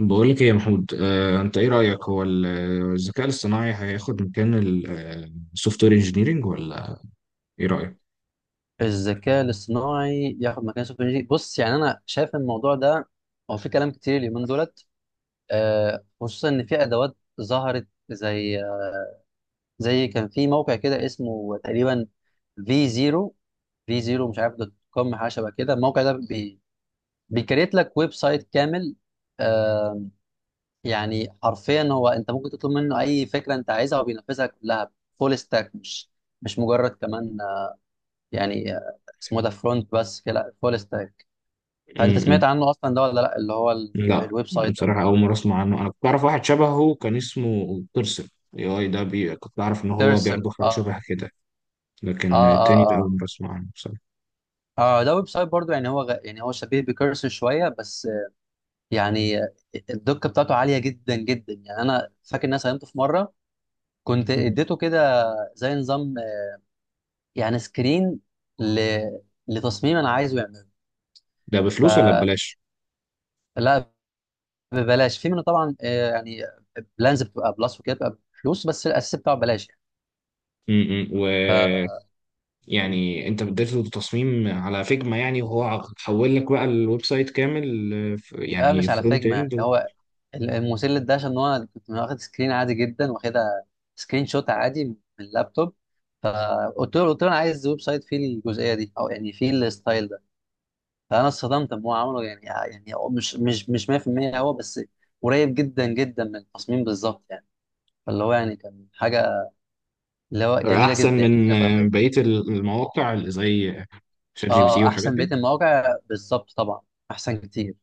بقول لك ايه يا محمود، انت ايه رأيك؟ هو الذكاء الاصطناعي هياخد مكان السوفت وير انجينيرنج ولا ايه رأيك؟ الذكاء الاصطناعي ياخد مكان السوفت وير engineering. بص، يعني انا شايف إن الموضوع ده هو في كلام كتير اليومين دولت، خصوصا ان في ادوات ظهرت زي كان في موقع كده اسمه تقريبا في زيرو في زيرو مش عارف دوت كوم حاجه شبه كده. الموقع ده بيكريت لك ويب سايت كامل. آه، يعني حرفيا هو انت ممكن تطلب منه اي فكره انت عايزها وبينفذها كلها فول ستاك، مش مجرد كمان. اسمه ده فرونت بس كده، لا فول ستاك. انت م- سمعت م. عنه اصلا ده ولا لا؟ اللي هو لا الويب سايت ده. بصراحة، اول مرة اسمع عنه. انا كنت اعرف واحد شبهه كان اسمه بيرسون، اي اي ده، كنت اعرف ان هو كيرسر، بياخد حاجة اه. شبه كده، اه لكن التاني ده اول اه مرة اسمع عنه بصراحة. اه اه ده ويب سايت برضو، يعني هو يعني هو شبيه بكيرسر شويه، بس يعني آه، الدقه بتاعته عاليه جدا جدا. يعني انا فاكر ان انا ساهمته في مره كنت م. اديته كده زي نظام، يعني سكرين ل... لتصميم انا عايزه يعمله. ده بفلوس ولا فلا، ببلاش؟ ببلاش في منه طبعا. يعني بلانز بتبقى بلس وكده بتبقى بفلوس، بس الاساس بتاعه ببلاش. م- م. يعني يعني انت بديته تصميم على فيجما يعني، وهو حول لك بقى الويب سايت كامل؟ يعني مش على فرونت فاجمة، اند؟ يعني هو المسلة ده عشان هو كنت واخد سكرين عادي جدا، واخدها سكرين شوت عادي من اللابتوب. فقلت له قلت له انا عايز ويب سايت فيه الجزئيه دي، او يعني فيه الستايل ده. فانا اتصدمت ان هو عمله، يعني هو مش 100% هو، بس قريب جدا جدا من التصميم بالظبط يعني. فاللي هو يعني كان حاجه، اللي هو جميله احسن جدا، حاجه من خرافيه. بقيه المواقع اللي زي شات جي بي تي اه، والحاجات احسن بقيه دي. المواقع بالظبط طبعا، احسن كتير.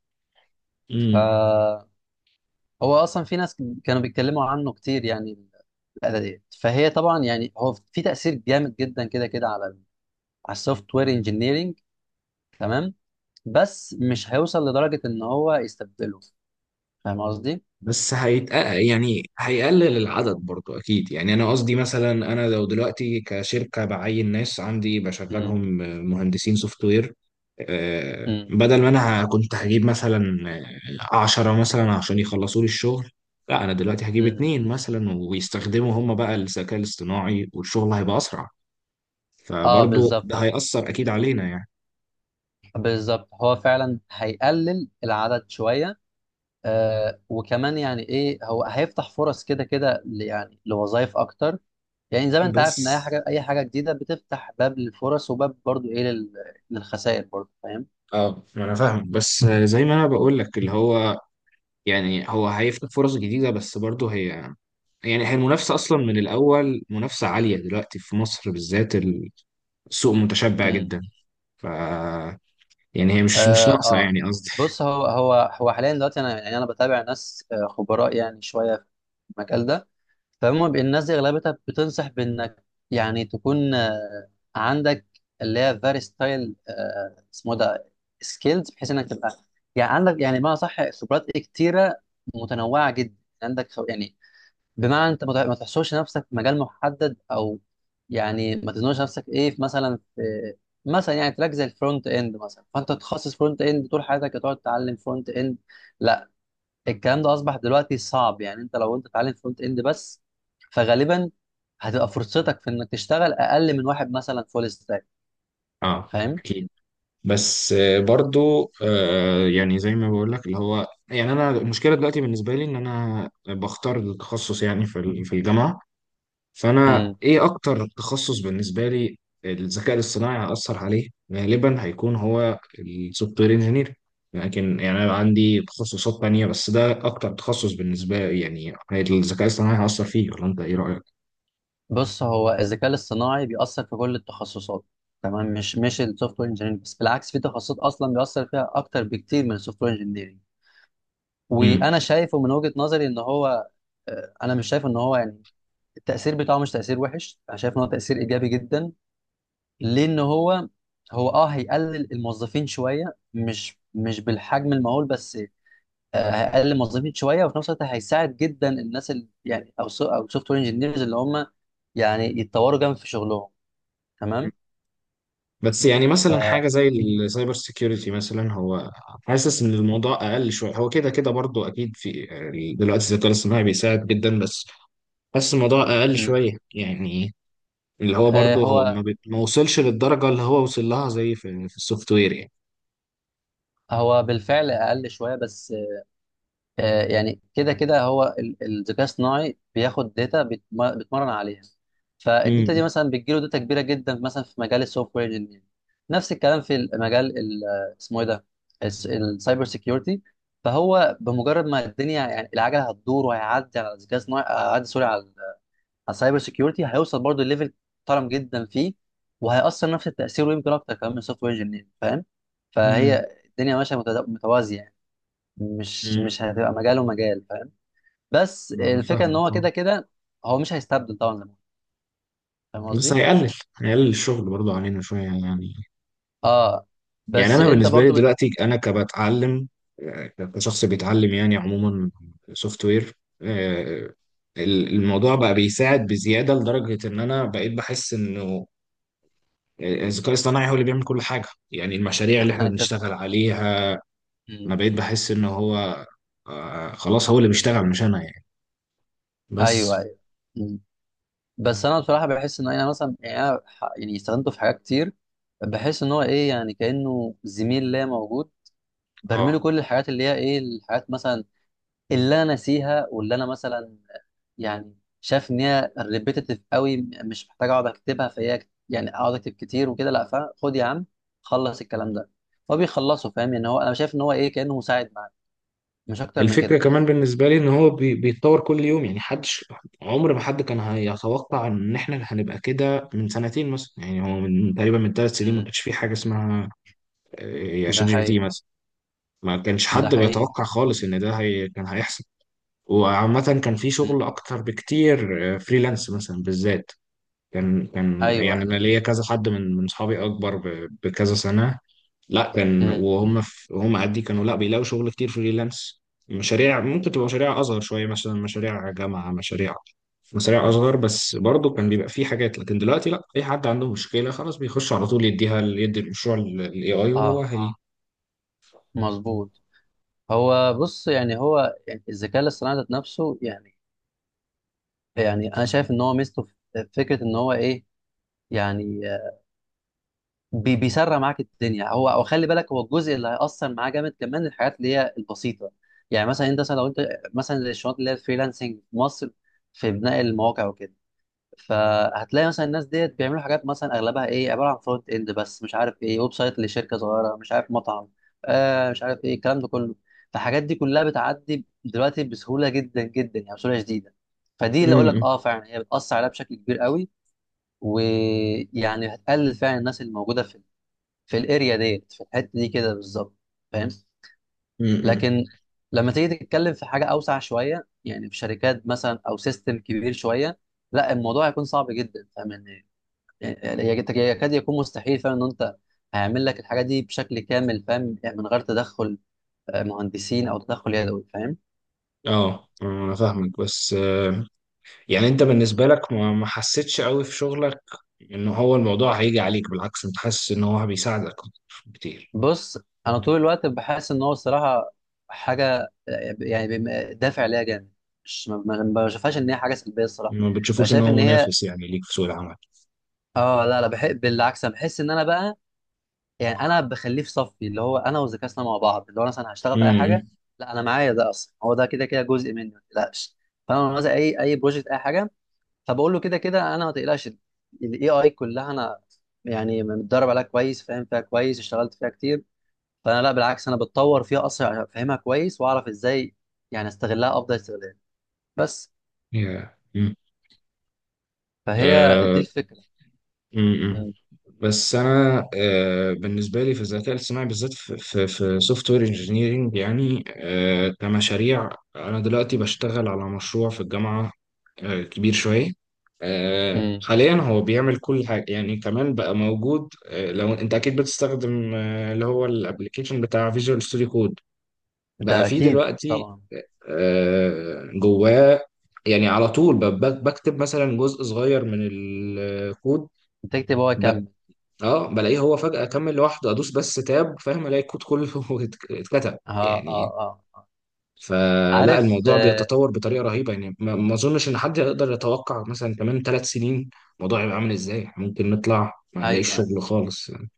امم فهو اصلا في ناس كانوا بيتكلموا عنه كتير يعني، الآلة ديت. فهي طبعا يعني هو في تأثير جامد جدا كده كده على على السوفت وير انجينيرنج، تمام، بس مش هيوصل لدرجة إن هو يستبدله. فاهم قصدي؟ بس يعني هيقلل العدد برضو اكيد. يعني انا قصدي، مثلا انا لو دلوقتي كشركه بعين ناس عندي مم. بشغلهم مهندسين سوفت وير، مم. بدل ما انا كنت هجيب مثلا 10 مثلا عشان يخلصوا لي الشغل، لا انا دلوقتي هجيب مم. 2 مثلا ويستخدموا هم بقى الذكاء الاصطناعي والشغل هيبقى اسرع. اه، فبرضو بالظبط. ده هيأثر اكيد علينا يعني. بالظبط، هو فعلا هيقلل العدد شوية. وكمان يعني ايه، هو هيفتح فرص كده كده يعني لوظائف اكتر. يعني زي ما انت بس عارف ان اي حاجه جديده بتفتح باب للفرص، وباب برضو ايه للخسائر برضو، اه، ما انا فاهم، بس زي ما انا بقول لك اللي هو يعني هو هيفتح فرص جديده، بس برضه هي يعني هي المنافسه اصلا من الاول منافسه عاليه دلوقتي في مصر بالذات، السوق متشبع فاهم. جدا. ف يعني هي مش اه ناقصه آه. يعني، قصدي. بص، هو هو حاليا دلوقتي، انا يعني انا بتابع ناس، خبراء يعني شويه في المجال ده. فهم الناس دي اغلبتها بتنصح بانك يعني تكون عندك اللي هي فيري ستايل، اسمه ده سكيلز، بحيث انك تبقى يعني عندك، يعني ما صح، خبرات كتيره متنوعه جدا. عندك يعني بمعنى انت ما تحصرش نفسك في مجال محدد، او يعني ما تزنقش نفسك ايه في مثلا يعني تراك زي الفرونت اند مثلا، فانت تتخصص فرونت اند طول حياتك هتقعد تتعلم فرونت اند. لا، الكلام ده اصبح دلوقتي صعب. يعني انت لو انت تتعلم فرونت اند بس، فغالبا هتبقى فرصتك في انك تشتغل اقل من واحد مثلا فول ستاك. اه فاهم. اكيد، بس برضه آه يعني زي ما بقول لك اللي هو، يعني انا المشكله دلوقتي بالنسبه لي ان انا بختار التخصص يعني في في الجامعه، فانا امم. ايه اكتر تخصص بالنسبه لي الذكاء الاصطناعي هيأثر عليه؟ غالبا هيكون هو السوفت وير انجينير، لكن يعني انا عندي تخصصات تانية، بس ده اكتر تخصص بالنسبه لي يعني الذكاء الاصطناعي هيأثر فيه، ولا انت ايه رأيك؟ بص، هو الذكاء الاصطناعي بيأثر في كل التخصصات، تمام، مش السوفت وير انجينيرنج بس، بالعكس في تخصصات اصلا بيأثر فيها اكتر بكتير من السوفت وير انجينيرنج. امم. وانا شايفه من وجهة نظري ان هو، انا مش شايف ان هو يعني التأثير بتاعه مش تأثير وحش، انا شايف ان هو تأثير ايجابي جدا، لان هو هيقلل الموظفين شوية، مش بالحجم المهول بس. هيقلل الموظفين شوية، وفي نفس الوقت هيساعد جدا الناس اللي يعني او سوفت وير انجينيرز اللي هم يعني يتطوروا جامد في شغلهم، تمام. بس يعني ف مثلا حاجه زي السايبر سيكيورتي مثلا، هو حاسس ان الموضوع اقل شويه. هو كده كده برضو اكيد، في دلوقتي الذكاء الاصطناعي بيساعد جدا، بس حاسس الموضوع اقل م. شويه يعني. اللي هو آه، برضه هو ما, هو بت... ما وصلش للدرجة اللي هو وصل لها زي في السوفت وير يعني. هو بالفعل اقل شوية، بس يعني كده كده هو الذكاء الصناعي بياخد داتا بيتمرن عليها. فالداتا دي امم. مثلا بتجيله داتا كبيره جدا مثلا في مجال السوفت وير انجينير. نفس الكلام في المجال اسمه ايه ده، السايبر سيكيورتي. فهو بمجرد ما الدنيا يعني العجله هتدور، وهيعدي على الذكاء الصناعي، هيعدي سوري، على على السايبر سيكيورتي، هيوصل برضه ليفل محترم جدا فيه، وهيأثر نفس التأثير، ويمكن اكتر كمان من السوفت وير انجينير، فاهم. امم. فهي الدنيا ماشيه متوازيه يعني. مش امم. مش هتبقى مجال ومجال، فاهم. بس انا الفكره ان هو فاهمك. اه كده كده هو مش هيستبدل طبعا لمون، فاهم بس قصدي. هيقلل، هيقلل الشغل برضه علينا شوية يعني. اه، يعني بس انا انت بالنسبة لي برضو دلوقتي انا كبتعلم، آه، كشخص بيتعلم يعني عموما سوفت وير، آه، الموضوع بقى بيساعد بزيادة، لدرجة ان انا بقيت بحس انه الذكاء الاصطناعي هو اللي بيعمل كل حاجة يعني، المشاريع اللي احنا انت بنشتغل آه. عليها مم. انا بقيت بحس ان هو آه، خلاص هو اللي بيشتغل مش انا يعني. بس ايوه ايوه. مم. بس انا بصراحه بحس ان انا مثلا، يعني انا يعني استخدمته في حاجات كتير، بحس ان هو ايه يعني كانه زميل ليا موجود، برمي له اه. كل الحاجات اللي هي ايه، الحاجات مثلا اللي انا ناسيها، واللي انا مثلا يعني شايف ان هي ريبيتيتيف قوي، مش محتاج اقعد اكتبها، فهي يعني اقعد اكتب كتير وكده، لا، فخد يا عم، خلص الكلام ده هو بيخلصه، فاهم. يعني هو انا شايف ان هو ايه، كانه مساعد معاك، مش اكتر من الفكرة كده. كمان بالنسبة لي ان هو بيتطور كل يوم يعني. حدش، عمر ما حد كان هيتوقع ان احنا هنبقى كده من سنتين مثلا. يعني هو من تقريبا من 3 سنين ما امم. كانش في حاجة اسمها ده شات جي بي تي حقيقي. مثلا، ما كانش ده حد حقيقي بيتوقع فعلا. خالص ان ده هي كان هيحصل. وعامة كان في شغل امم. اكتر بكتير، فريلانس مثلا بالذات. كان كان يعني ايوه. انا ليا كذا حد من اصحابي اكبر بكذا سنه، لا كان امم. وهم في هم قدي كانوا لا بيلاقوا شغل كتير فريلانس. مشاريع ممكن تبقى مشاريع اصغر شويه، مثلا مشاريع جامعه، مشاريع، مشاريع اصغر، بس برضه كان بيبقى في حاجات. لكن دلوقتي لا، اي حد عنده مشكله خلاص بيخش على طول يديها، يدي المشروع للاي اي وهو اه، هي اه. مظبوط. هو بص يعني هو يعني الذكاء الاصطناعي ذات نفسه، يعني يعني انا شايف ان هو ميزته في فكره ان هو ايه يعني، بيسرع معاك الدنيا هو، او خلي بالك، هو الجزء اللي هيأثر معاه جامد كمان الحاجات اللي هي البسيطه. يعني مثلا انت مثلا لو انت مثلا زي الشغلات اللي هي الفريلانسنج في مصر في بناء المواقع وكده، فهتلاقي مثلا الناس ديت بيعملوا حاجات مثلا اغلبها ايه، عباره عن فرونت اند بس، مش عارف ايه، ويب سايت لشركه صغيره، مش عارف مطعم، مش عارف ايه الكلام ده كله. فالحاجات دي كلها بتعدي دلوقتي بسهوله جدا جدا، يعني بسهوله شديده. فدي م- اللي اقول لك م- اه فعلا هي بتأثر عليها بشكل كبير قوي، ويعني هتقلل فعلا الناس اللي موجوده في الاريا ديت، في الحته دي كده بالظبط، فاهم. م- م. لكن لما تيجي تتكلم في حاجه اوسع شويه، يعني في شركات مثلا، او سيستم كبير شويه، لا الموضوع هيكون صعب جدا، فاهم ان يعني يكاد يكون مستحيل، فاهم ان انت هيعمل لك الحاجه دي بشكل كامل، فاهم، يعني من غير تدخل مهندسين، او تدخل يدوي، فاهم. اه انا فاهمك، بس يعني انت بالنسبة لك ما حسيتش قوي في شغلك ان هو الموضوع هيجي عليك؟ بالعكس انت حاسس ان هو بيساعدك كتير؟ بص، انا طول الوقت بحس ان هو الصراحه حاجه، يعني دافع ليها جامد، مش ما بشوفهاش ان هي حاجه سلبيه الصراحه. ما بقى بتشوفوش ان شايف هو ان هي منافس يعني ليك في سوق العمل؟ اه، لا لا، بحب بالعكس، انا بحس ان انا بقى يعني انا بخليه في صفي، اللي هو انا وذكائنا مع بعض اللي هو مثلا هشتغل في اي امم. حاجه، لا انا معايا ده اصلا، هو ده كده كده جزء مني، ما تقلقش. فانا لما مثلا اي بروجكت اي حاجه، فبقول له كده كده انا ما تقلقش، الاي اي كلها انا يعني متدرب عليها كويس، فاهم فيها كويس، اشتغلت فيها كتير. فانا لا، بالعكس، انا بتطور فيها اصلا عشان افهمها كويس واعرف ازاي يعني استغلها افضل استغلال، بس. يا فهي دي آه، الفكره. امم بس انا بالنسبه لي في الذكاء الاصطناعي بالذات في سوفت وير انجينيرنج يعني، كمشاريع، انا دلوقتي بشتغل على مشروع في الجامعه، كبير شوية، امم. حاليا هو بيعمل كل حاجة يعني. كمان بقى موجود، لو انت اكيد بتستخدم اللي هو الابليكيشن بتاع فيجوال ستوديو كود، انت بقى فيه اكيد دلوقتي طبعا. جواه يعني. على طول بكتب مثلا جزء صغير من الكود انت تكتب، هو ب... يكمل. اه بلاقيه هو فجأة كمل لوحده، ادوس بس تاب فاهم، الاقي الكود كله اتكتب اه يعني. اه اه آه. فلا عارف الموضوع آه. بيتطور بطريقه رهيبه يعني، ما اظنش ان حد يقدر يتوقع مثلا كمان 3 سنين الموضوع هيبقى عامل ازاي. إحنا ممكن نطلع ما نلاقيش ايوه، شغل خالص يعني.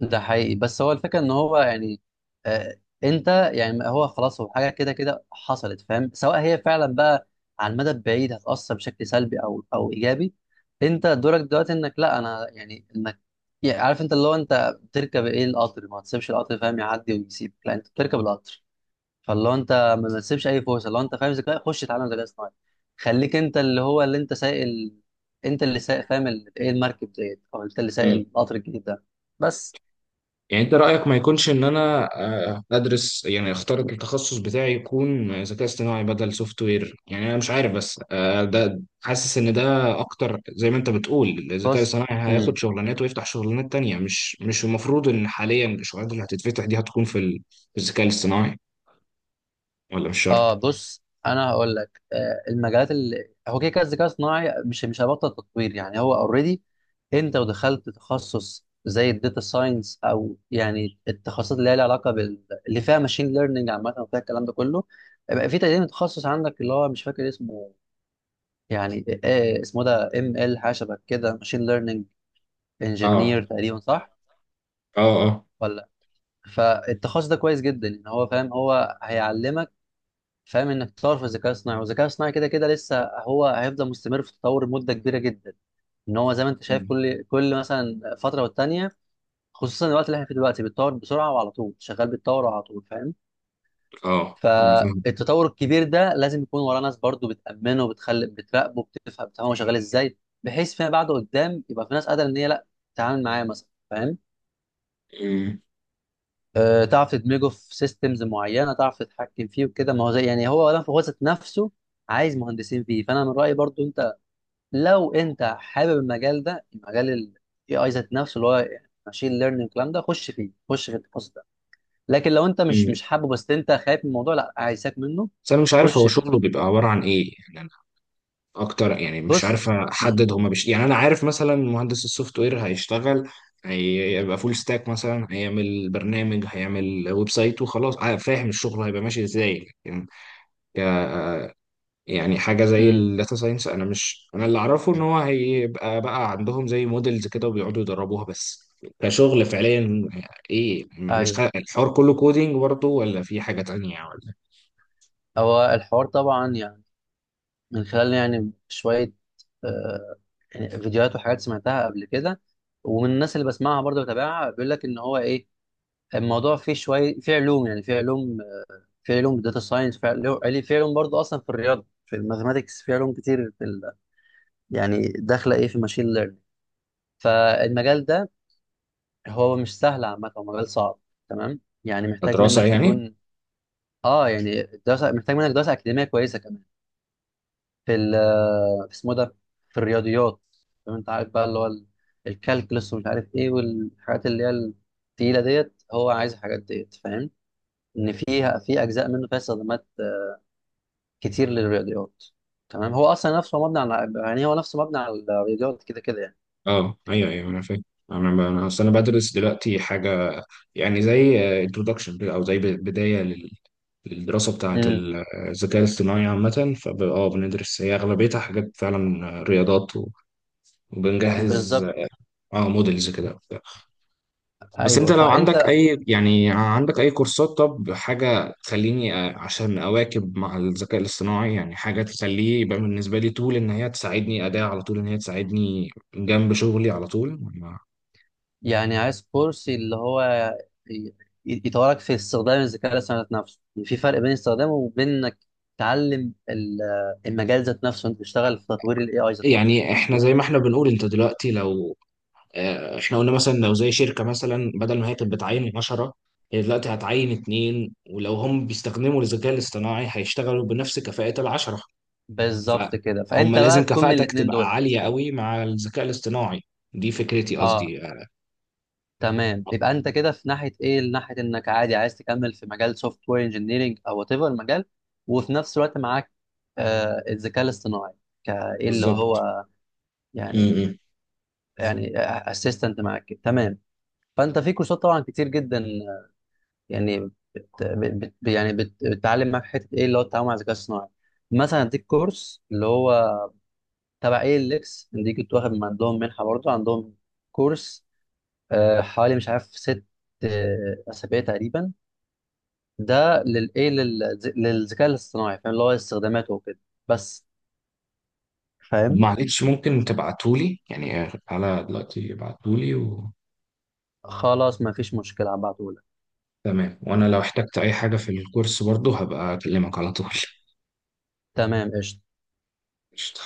ده حقيقي، بس هو الفكره ان هو يعني آه انت، يعني هو خلاص، هو حاجه كده كده حصلت، فاهم، سواء هي فعلا بقى على المدى البعيد هتاثر بشكل سلبي او ايجابي. انت دورك دلوقتي انك لا، انا يعني انك، يعني عارف انت اللي هو انت بتركب ايه القطر، ما تسيبش القطر، فاهم، يعدي ويسيبك، لا انت بتركب القطر. فاللي هو انت ما تسيبش اي فرصه، لو انت فاهم ذكاء، خش اتعلم ذكاء اصطناعي، خليك انت اللي هو اللي انت سايق انت اللي سايق، فاهم، ايه، المركب ديت، او انت اللي سايق مم. القطر الجديد ده، بس. يعني انت رايك ما يكونش ان انا ادرس يعني، اختار التخصص بتاعي يكون ذكاء اصطناعي بدل سوفت وير يعني؟ انا مش عارف، بس ده حاسس ان ده اكتر. زي ما انت بتقول الذكاء بص. الصناعي امم. هياخد شغلانات ويفتح شغلانات تانية، مش المفروض ان حاليا الشغلانات اللي هتتفتح دي هتكون في في الذكاء الاصطناعي، ولا مش اه، شرط؟ بص، انا هقول لك المجالات اللي هو كده كده الذكاء الصناعي مش هيبطل تطوير، يعني هو اوريدي، انت ودخلت تخصص زي الداتا ساينس، او يعني التخصصات اللي هي لها علاقه بال اللي فيها ماشين ليرنينج عامه وفيها الكلام ده كله، بقى في تقريبا تخصص عندك اللي هو مش فاكر اسمه، يعني إيه اسمه ده، ام ال، حاجه شبه كده، ماشين ليرنينج اه. انجينير تقريبا، صح؟ اه اه. ولا. فالتخصص ده كويس جدا ان هو، فاهم، هو هيعلمك فاهم انك تطور في الذكاء الصناعي، والذكاء الصناعي كده كده لسه هو هيفضل مستمر في التطور مده كبيره جدا. ان هو زي ما انت شايف مم. كل مثلا فتره والتانيه، خصوصا الوقت اللي احنا فيه دلوقتي بيتطور بسرعه، وعلى طول شغال بيتطور على طول، فاهم. اه عامة فاهم. فالتطور الكبير ده لازم يكون وراه ناس برضو بتأمنه، وبتخلي بتراقبه، بتفهم هو شغال ازاي، بحيث فيما بعد قدام يبقى في ناس قادرة ان هي لا، تتعامل معاه مثلا فاهم، أمم. أه، تعرف تدمجه في سيستمز معينة، تعرف تتحكم فيه وكده. ما هو زي يعني هو ولا هو ذات نفسه عايز مهندسين فيه. فانا من رأيي برضو انت لو انت حابب المجال ده، مجال ال AI ذات نفسه اللي هو ماشين ليرنينج الكلام ده، خش فيه، خش في التخصص ده. لكن لو انت مش أمم. مش حابه، بس انت خايف من الموضوع، لا، عايزك منه، بس انا مش عارف خش هو فيه So. شغله بيبقى عباره عن ايه يعني. انا اكتر، يعني مش عارف بص. مم. احدد هما يعني انا عارف مثلا مهندس السوفت وير هيشتغل، هيبقى فول ستاك مثلا، هيعمل برنامج، هيعمل ويب سايت وخلاص، فاهم الشغل هيبقى ماشي ازاي. لكن يعني حاجة زي مم. الداتا ساينس، أنا مش، أنا اللي أعرفه إن هو هيبقى بقى عندهم زي موديلز كده وبيقعدوا يدربوها بس. كشغل فعليا، إيه؟ مش ايوه، خ- الحوار كله كودينج برضه ولا في حاجة تانية ولا هو الحوار طبعا يعني من خلال يعني شويه آه، يعني فيديوهات وحاجات سمعتها قبل كده، ومن الناس اللي بسمعها برضه بتابعها، بيقول لك ان هو ايه، الموضوع فيه شويه فيه علوم، يعني فيه علوم، فيه علوم داتا ساينس، فيه علوم يعني فيه علوم برضه اصلا في الرياضه، في الماثماتكس، فيه علوم كتير في يعني داخله ايه في ماشين ليرنينج. فالمجال ده هو مش سهل عامه، هو مجال صعب تمام، يعني محتاج كدراسة منك يعني؟ تكون، اه يعني دراسه محتاج منك دراسه اكاديميه كويسه كمان في ال، في اسمه ده، في الرياضيات، فاهم، انت عارف بقى اللي هو الكالكولس ومش عارف ايه والحاجات اللي هي التقيله ديت، هو عايز الحاجات ديت، فاهم، ان فيها، في اجزاء منه فيها استخدامات كتير للرياضيات، تمام. هو اصلا نفسه مبني على، يعني هو نفسه مبني على الرياضيات كده كده يعني. أه أيوه أيوه أنا فاهم. أنا أنا أصل أنا بدرس دلوقتي حاجة يعني زي انترودكشن أو زي بداية للدراسة بتاعة امم. الذكاء الاصطناعي عامة. أه، بندرس هي أغلبيتها حاجات فعلا رياضات و... وبنجهز بالظبط. أه موديلز كده. بس ايوه انت لو عندك فانت اي، يعني عندك اي كورسات طب، حاجة تخليني عشان اواكب مع الذكاء الاصطناعي يعني، حاجة تخليه يبقى بالنسبة لي طول ان هي تساعدني اداة، على طول ان هي تساعدني جنب شغلي على طول يعني عايز كورس اللي هو ي- يطورك في استخدام الذكاء الاصطناعي ذات نفسه. يعني في فرق بين استخدامه وبين انك تعلم المجال ذات نفسه، انت تشتغل في تطوير الاي اي ذات نفسه. يعني احنا زي ما احنا بنقول. انت دلوقتي لو اه، احنا قلنا مثلا لو زي شركة، مثلا بدل ما هي كانت بتعين 10، هي دلوقتي هتعين اتنين، ولو هم بيستخدموا الذكاء الاصطناعي هيشتغلوا بنفس كفاءة العشرة. بالظبط كده، فهم فانت بقى لازم تكون من كفاءتك الاثنين تبقى دولت. عالية قوي مع الذكاء الاصطناعي، دي فكرتي اه، قصدي تمام، يبقى انت كده في ناحيه ايه، ناحيه انك عادي عايز تكمل في مجال سوفت وير انجينيرنج او وات ايفر المجال، وفي نفس الوقت معاك الذكاء الاصطناعي كايه اللي بالظبط. هو م- يعني، م. يعني اسيستنت معاك كده. تمام. فانت في كورسات طبعا كتير جدا يعني بت بت يعني بتتعلم معاك حته ايه، اللي هو التعامل مع الذكاء الصناعي. مثلا اديك كورس اللي هو تبع اي ال اكس دي، كنت واخد من عندهم منحه برضه، عندهم كورس حوالي مش عارف 6 اسابيع تقريبا، ده للايه للذكاء الاصطناعي، فاهم، اللي هو استخداماته وكده، بس، طب فاهم. معلش ممكن تبعتولي يعني، على دلوقتي ابعتولي و... خلاص ما فيش مشكله، هبعتهولك. تمام. وانا لو احتجت اي حاجة في الكورس برضو هبقى اكلمك على طول تمام، قشطه. قشطة.